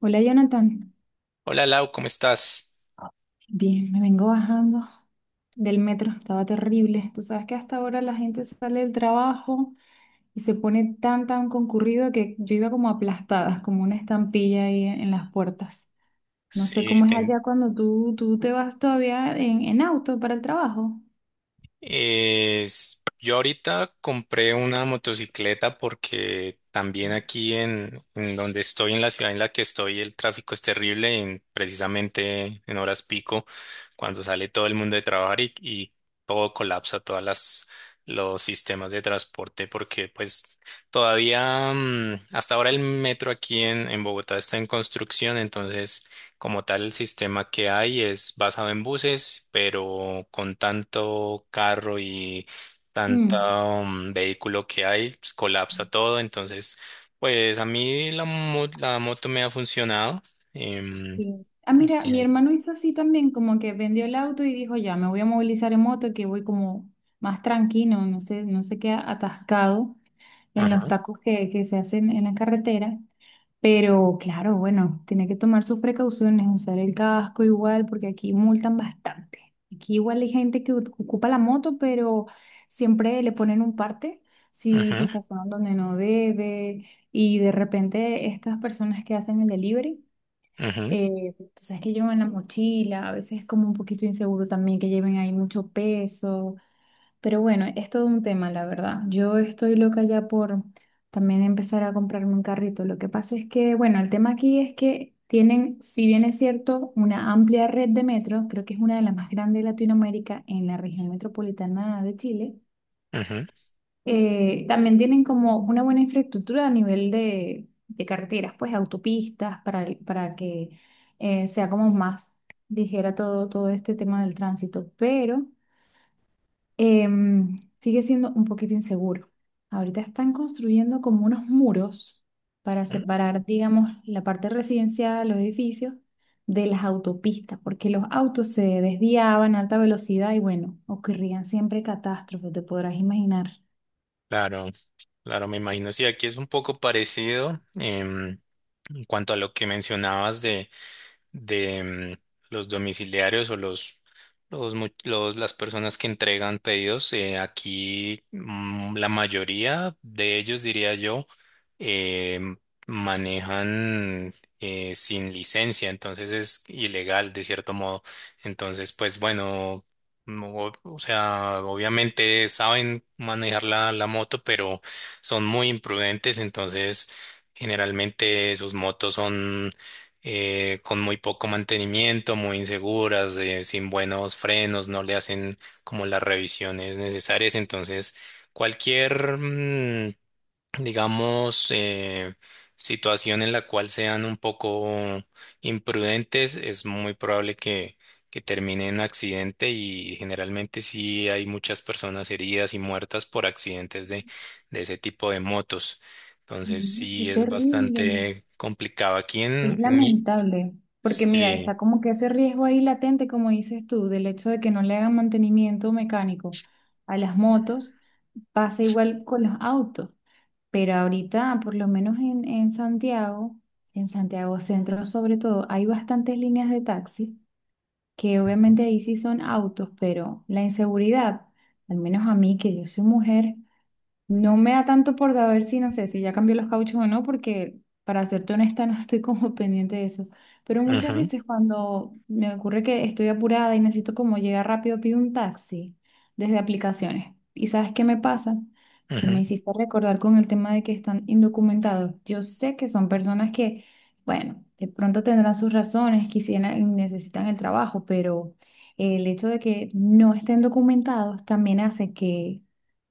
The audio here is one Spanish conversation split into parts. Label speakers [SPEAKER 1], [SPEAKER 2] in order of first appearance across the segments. [SPEAKER 1] Hola Jonathan,
[SPEAKER 2] Hola Lau, ¿cómo estás?
[SPEAKER 1] bien, me vengo bajando del metro, estaba terrible. Tú sabes que hasta ahora la gente sale del trabajo y se pone tan concurrido que yo iba como aplastada, como una estampilla ahí en las puertas. No sé
[SPEAKER 2] Sí,
[SPEAKER 1] cómo es
[SPEAKER 2] ten-
[SPEAKER 1] allá cuando tú te vas todavía en auto para el trabajo.
[SPEAKER 2] yo ahorita compré una motocicleta porque también aquí en donde estoy, en la ciudad en la que estoy, el tráfico es terrible precisamente en horas pico, cuando sale todo el mundo de trabajar y todo colapsa, todas las los sistemas de transporte, porque pues todavía hasta ahora el metro aquí en Bogotá está en construcción, entonces como tal, el sistema que hay es basado en buses, pero con tanto carro y tanto
[SPEAKER 1] Mm,
[SPEAKER 2] vehículo que hay, pues, colapsa todo. Entonces, pues a mí la moto me ha funcionado. em,
[SPEAKER 1] sí. Ah, mira, mi
[SPEAKER 2] Sí.
[SPEAKER 1] hermano hizo así también, como que vendió el auto y dijo, ya, me voy a movilizar en moto, que voy como más tranquilo, no sé, no sé qué atascado en los
[SPEAKER 2] Ajá,
[SPEAKER 1] tacos que se hacen en la carretera. Pero claro, bueno, tiene que tomar sus precauciones, usar el casco igual, porque aquí multan bastante. Aquí igual hay gente que ocupa la moto, pero siempre le ponen un parte si se
[SPEAKER 2] ajá,
[SPEAKER 1] estaciona donde no debe. Y de repente estas personas que hacen el delivery,
[SPEAKER 2] ajá,
[SPEAKER 1] tú sabes que llevan la mochila, a veces es como un poquito inseguro también que lleven ahí mucho peso. Pero bueno, es todo un tema, la verdad. Yo estoy loca ya por también empezar a comprarme un carrito. Lo que pasa es que, bueno, el tema aquí es que tienen, si bien es cierto, una amplia red de metros, creo que es una de las más grandes de Latinoamérica en la región metropolitana de Chile,
[SPEAKER 2] ajá.
[SPEAKER 1] también tienen como una buena infraestructura a nivel de carreteras, pues autopistas, para que sea como más ligera todo, todo este tema del tránsito. Pero sigue siendo un poquito inseguro. Ahorita están construyendo como unos muros para separar, digamos, la parte residencial, los edificios, de las autopistas, porque los autos se desviaban a alta velocidad y bueno, ocurrían siempre catástrofes, te podrás imaginar.
[SPEAKER 2] Claro, claro, me imagino. Sí, aquí es un poco parecido, en cuanto a lo que mencionabas de los domiciliarios o las personas que entregan pedidos. Aquí, la mayoría de ellos, diría yo, eh, manejan sin licencia, entonces es ilegal de cierto modo. Entonces, pues bueno, no, o sea, obviamente saben manejar la moto, pero son muy imprudentes, entonces... Generalmente sus motos son, con muy poco mantenimiento, muy inseguras, sin buenos frenos, no le hacen como las revisiones necesarias. Entonces, cualquier, digamos, situación en la cual sean un poco imprudentes, es muy probable que termine en accidente y generalmente sí hay muchas personas heridas y muertas por accidentes de ese tipo de motos. Entonces
[SPEAKER 1] Mm, qué
[SPEAKER 2] sí es
[SPEAKER 1] terrible,
[SPEAKER 2] bastante complicado. Aquí
[SPEAKER 1] es
[SPEAKER 2] en mi,
[SPEAKER 1] lamentable, porque mira, está
[SPEAKER 2] sí.
[SPEAKER 1] como que ese riesgo ahí latente, como dices tú, del hecho de que no le hagan mantenimiento mecánico a las motos, pasa igual con los autos. Pero ahorita, por lo menos en Santiago, en Santiago Centro sobre todo, hay bastantes líneas de taxi, que obviamente ahí sí son autos, pero la inseguridad, al menos a mí, que yo soy mujer, no me da tanto por saber si, no sé, si ya cambió los cauchos o no, porque para serte honesta no estoy como pendiente de eso. Pero muchas
[SPEAKER 2] Ujú,
[SPEAKER 1] veces cuando me ocurre que estoy apurada y necesito como llegar rápido, pido un taxi desde aplicaciones. ¿Y sabes qué me pasa? Que me
[SPEAKER 2] ujú,
[SPEAKER 1] hiciste recordar con el tema de que están indocumentados. Yo sé que son personas que, bueno, de pronto tendrán sus razones, quisieran, necesitan el trabajo, pero el hecho de que no estén documentados también hace que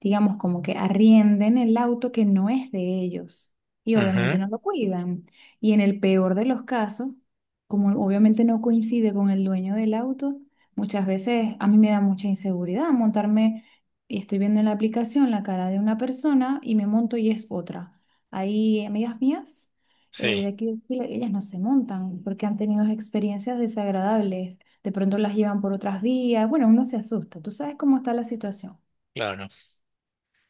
[SPEAKER 1] digamos, como que arrienden el auto que no es de ellos y obviamente
[SPEAKER 2] ujú.
[SPEAKER 1] no lo cuidan. Y en el peor de los casos, como obviamente no coincide con el dueño del auto, muchas veces a mí me da mucha inseguridad montarme y estoy viendo en la aplicación la cara de una persona y me monto y es otra. Hay amigas mías
[SPEAKER 2] Sí,
[SPEAKER 1] de aquí de Chile, ellas no se montan porque han tenido experiencias desagradables. De pronto las llevan por otras vías. Bueno, uno se asusta. ¿Tú sabes cómo está la situación?
[SPEAKER 2] claro.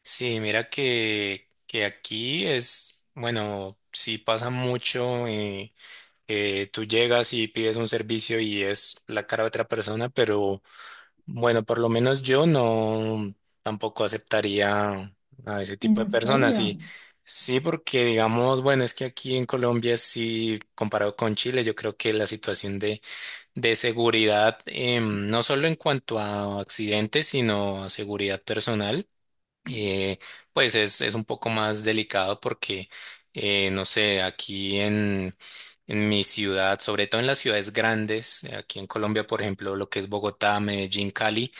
[SPEAKER 2] Sí, mira que aquí es, bueno, sí pasa mucho, tú llegas y pides un servicio y es la cara de otra persona, pero bueno, por lo menos yo no tampoco aceptaría a ese tipo de
[SPEAKER 1] ¿En
[SPEAKER 2] personas.
[SPEAKER 1] serio?
[SPEAKER 2] Sí, sí, porque digamos, bueno, es que aquí en Colombia sí, comparado con Chile, yo creo que la situación de seguridad, no solo en cuanto a accidentes, sino a seguridad personal, eh, pues es un poco más delicado porque, no sé, aquí en mi ciudad, sobre todo en las ciudades grandes, aquí en Colombia, por ejemplo, lo que es Bogotá, Medellín, Cali,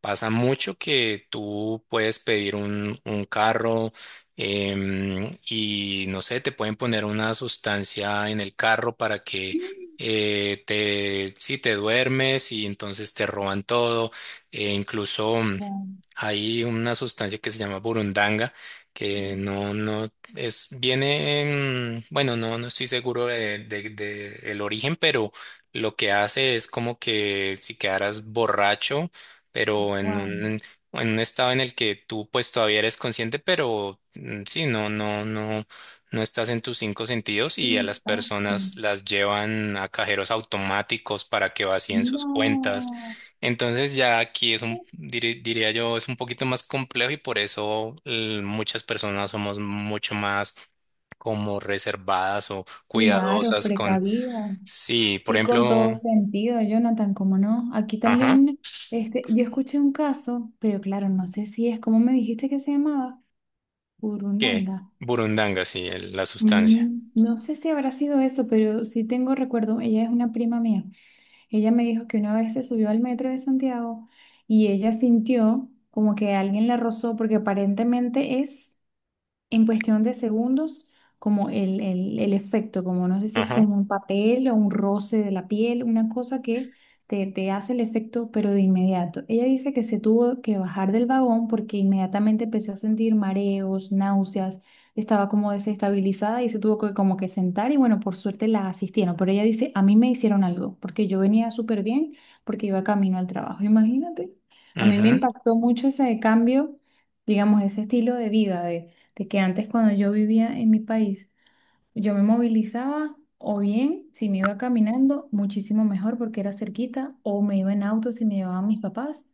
[SPEAKER 2] pasa mucho que tú puedes pedir un carro, y no sé, te pueden poner una sustancia en el carro para que si te duermes y entonces te roban todo. E incluso,
[SPEAKER 1] Wow,
[SPEAKER 2] hay una sustancia que se llama burundanga que no es, bueno, no, no estoy seguro de el origen, pero lo que hace es como que si quedaras borracho pero en
[SPEAKER 1] wow,
[SPEAKER 2] en un estado en el que tú pues todavía eres consciente, pero sí, no estás en tus cinco sentidos
[SPEAKER 1] qué
[SPEAKER 2] y a las
[SPEAKER 1] impacto.
[SPEAKER 2] personas las llevan a cajeros automáticos para que vacíen sus cuentas.
[SPEAKER 1] No,
[SPEAKER 2] Entonces ya aquí es un, diría yo, es un poquito más complejo y por eso muchas personas somos mucho más como reservadas o
[SPEAKER 1] claro,
[SPEAKER 2] cuidadosas con,
[SPEAKER 1] precavida.
[SPEAKER 2] sí, por
[SPEAKER 1] Y con todo
[SPEAKER 2] ejemplo,
[SPEAKER 1] sentido, Jonathan, ¿cómo no? Aquí
[SPEAKER 2] ajá,
[SPEAKER 1] también, este, yo escuché un caso, pero claro, no sé si es, ¿como me dijiste que se llamaba?
[SPEAKER 2] ¿qué?
[SPEAKER 1] Burundanga.
[SPEAKER 2] Burundanga, sí, la sustancia.
[SPEAKER 1] Mm, no sé si habrá sido eso, pero sí tengo recuerdo, ella es una prima mía. Ella me dijo que una vez se subió al metro de Santiago y ella sintió como que alguien la rozó porque aparentemente es en cuestión de segundos, como el efecto, como no sé si es
[SPEAKER 2] Ajá.
[SPEAKER 1] como un papel o un roce de la piel, una cosa que te hace el efecto, pero de inmediato. Ella dice que se tuvo que bajar del vagón porque inmediatamente empezó a sentir mareos, náuseas, estaba como desestabilizada y se tuvo que como que sentar y bueno, por suerte la asistieron, pero ella dice, a mí me hicieron algo, porque yo venía súper bien, porque iba camino al trabajo, imagínate. A mí me
[SPEAKER 2] Ujú.
[SPEAKER 1] impactó mucho ese cambio digamos, ese estilo de vida, de que antes cuando yo vivía en mi país, yo me movilizaba o bien si me iba caminando, muchísimo mejor porque era cerquita, o me iba en auto si me llevaban mis papás,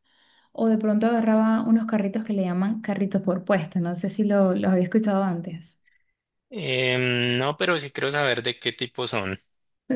[SPEAKER 1] o de pronto agarraba unos carritos que le llaman carritos por puesta, no sé si lo, los había escuchado antes.
[SPEAKER 2] No, pero sí quiero saber de qué tipo son.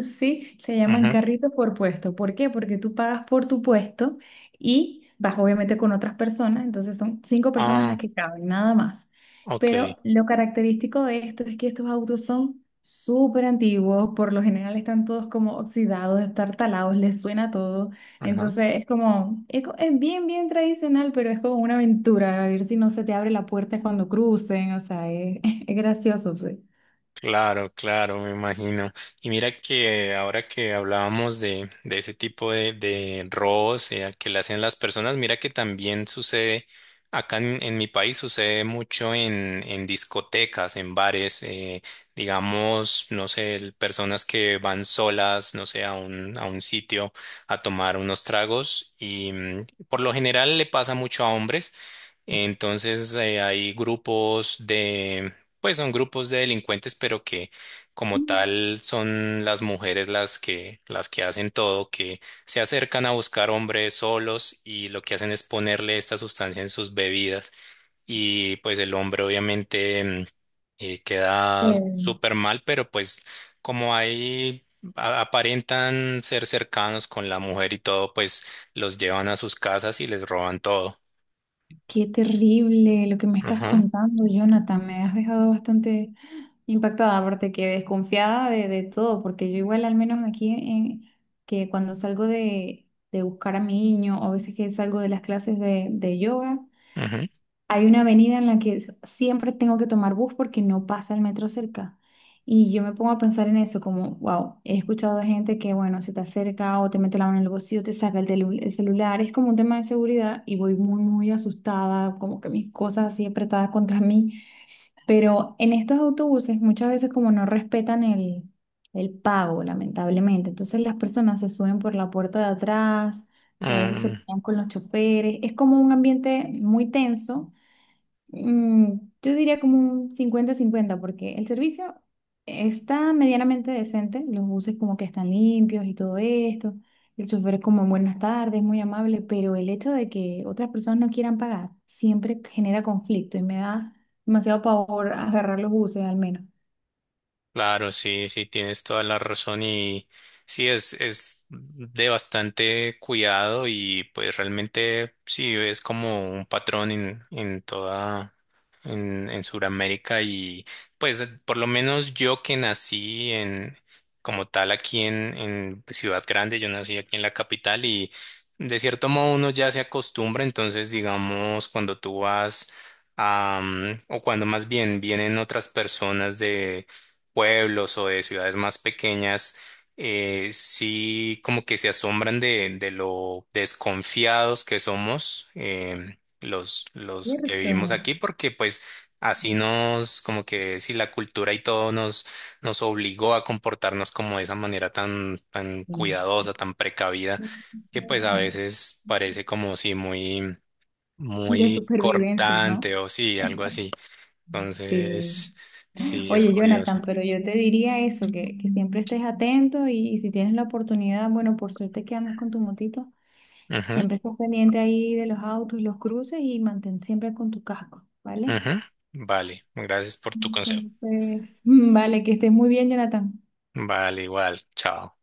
[SPEAKER 1] Sí, se llaman
[SPEAKER 2] Ujú.
[SPEAKER 1] carritos por puesto. ¿Por qué? Porque tú pagas por tu puesto y vas obviamente con otras personas, entonces son cinco personas las
[SPEAKER 2] Ah,
[SPEAKER 1] que caben, nada más.
[SPEAKER 2] ok.
[SPEAKER 1] Pero lo característico de esto es que estos autos son súper antiguos, por lo general están todos como oxidados, estartalados, les suena todo.
[SPEAKER 2] Ajá.
[SPEAKER 1] Entonces es como, es, es bien, bien tradicional, pero es como una aventura, a ver si no se te abre la puerta cuando crucen, o sea, es, es gracioso, sí.
[SPEAKER 2] Claro, claro, me imagino. Y mira que ahora que hablábamos de ese tipo de robos, que le hacen las personas, mira que también sucede, acá en mi país sucede mucho en discotecas, en bares, digamos, no sé, personas que van solas, no sé, a a un sitio a tomar unos tragos y, por lo general le pasa mucho a hombres. Entonces, hay grupos, pues son grupos de delincuentes, pero que como tal son las mujeres las las que hacen todo, que se acercan a buscar hombres solos y lo que hacen es ponerle esta sustancia en sus bebidas y pues el hombre obviamente, queda
[SPEAKER 1] Sí.
[SPEAKER 2] súper mal, pero pues como ahí aparentan ser cercanos con la mujer y todo, pues los llevan a sus casas y les roban todo.
[SPEAKER 1] Qué terrible lo que me estás
[SPEAKER 2] Ajá,
[SPEAKER 1] contando, Jonathan. Me has dejado bastante impactada, aparte que desconfiada de todo, porque yo igual al menos aquí en, que cuando salgo de buscar a mi niño o a veces que salgo de las clases de yoga,
[SPEAKER 2] ujú.
[SPEAKER 1] hay una avenida en la que siempre tengo que tomar bus porque no pasa el metro cerca. Y yo me pongo a pensar en eso, como, wow, he escuchado de gente que, bueno, se te acerca o te mete la mano en el bolsillo, te saca el, el celular, es como un tema de seguridad y voy muy asustada, como que mis cosas así apretadas contra mí. Pero en estos autobuses muchas veces como no respetan el pago, lamentablemente. Entonces las personas se suben por la puerta de atrás y a veces se
[SPEAKER 2] Mm.
[SPEAKER 1] pelean con los choferes. Es como un ambiente muy tenso. Mm, yo diría como un 50-50 porque el servicio está medianamente decente, los buses como que están limpios y todo esto, el chofer es como buenas tardes, muy amable, pero el hecho de que otras personas no quieran pagar siempre genera conflicto y me da demasiado pavor agarrar los buses al menos.
[SPEAKER 2] Claro, sí, sí, tienes toda la razón y sí, es de bastante cuidado y pues realmente sí, es como un patrón en Sudamérica y pues por lo menos yo que nací en, como tal aquí en Ciudad Grande, yo nací aquí en la capital y de cierto modo uno ya se acostumbra, entonces digamos cuando tú vas... a, o cuando más bien vienen otras personas, pueblos o de ciudades más pequeñas, sí como que se asombran de lo desconfiados que somos, los que vivimos
[SPEAKER 1] Cierto.
[SPEAKER 2] aquí, porque pues así nos, como que si la cultura y todo nos, nos obligó a comportarnos como de esa manera tan
[SPEAKER 1] Sí.
[SPEAKER 2] cuidadosa, tan precavida, que pues a
[SPEAKER 1] Sí.
[SPEAKER 2] veces parece como si
[SPEAKER 1] De
[SPEAKER 2] muy
[SPEAKER 1] supervivencia, ¿no?
[SPEAKER 2] cortante o sí, algo así.
[SPEAKER 1] Sí.
[SPEAKER 2] Entonces, sí, es
[SPEAKER 1] Oye,
[SPEAKER 2] curioso.
[SPEAKER 1] Jonathan, pero yo te diría eso, que siempre estés atento y si tienes la oportunidad, bueno, por suerte que andas con tu motito, siempre estés pendiente ahí de los autos, los cruces y mantén siempre con tu casco, ¿vale?
[SPEAKER 2] Ujú. Vale, gracias por tu consejo.
[SPEAKER 1] Entonces, vale, que estés muy bien, Jonathan.
[SPEAKER 2] Vale, igual, chao.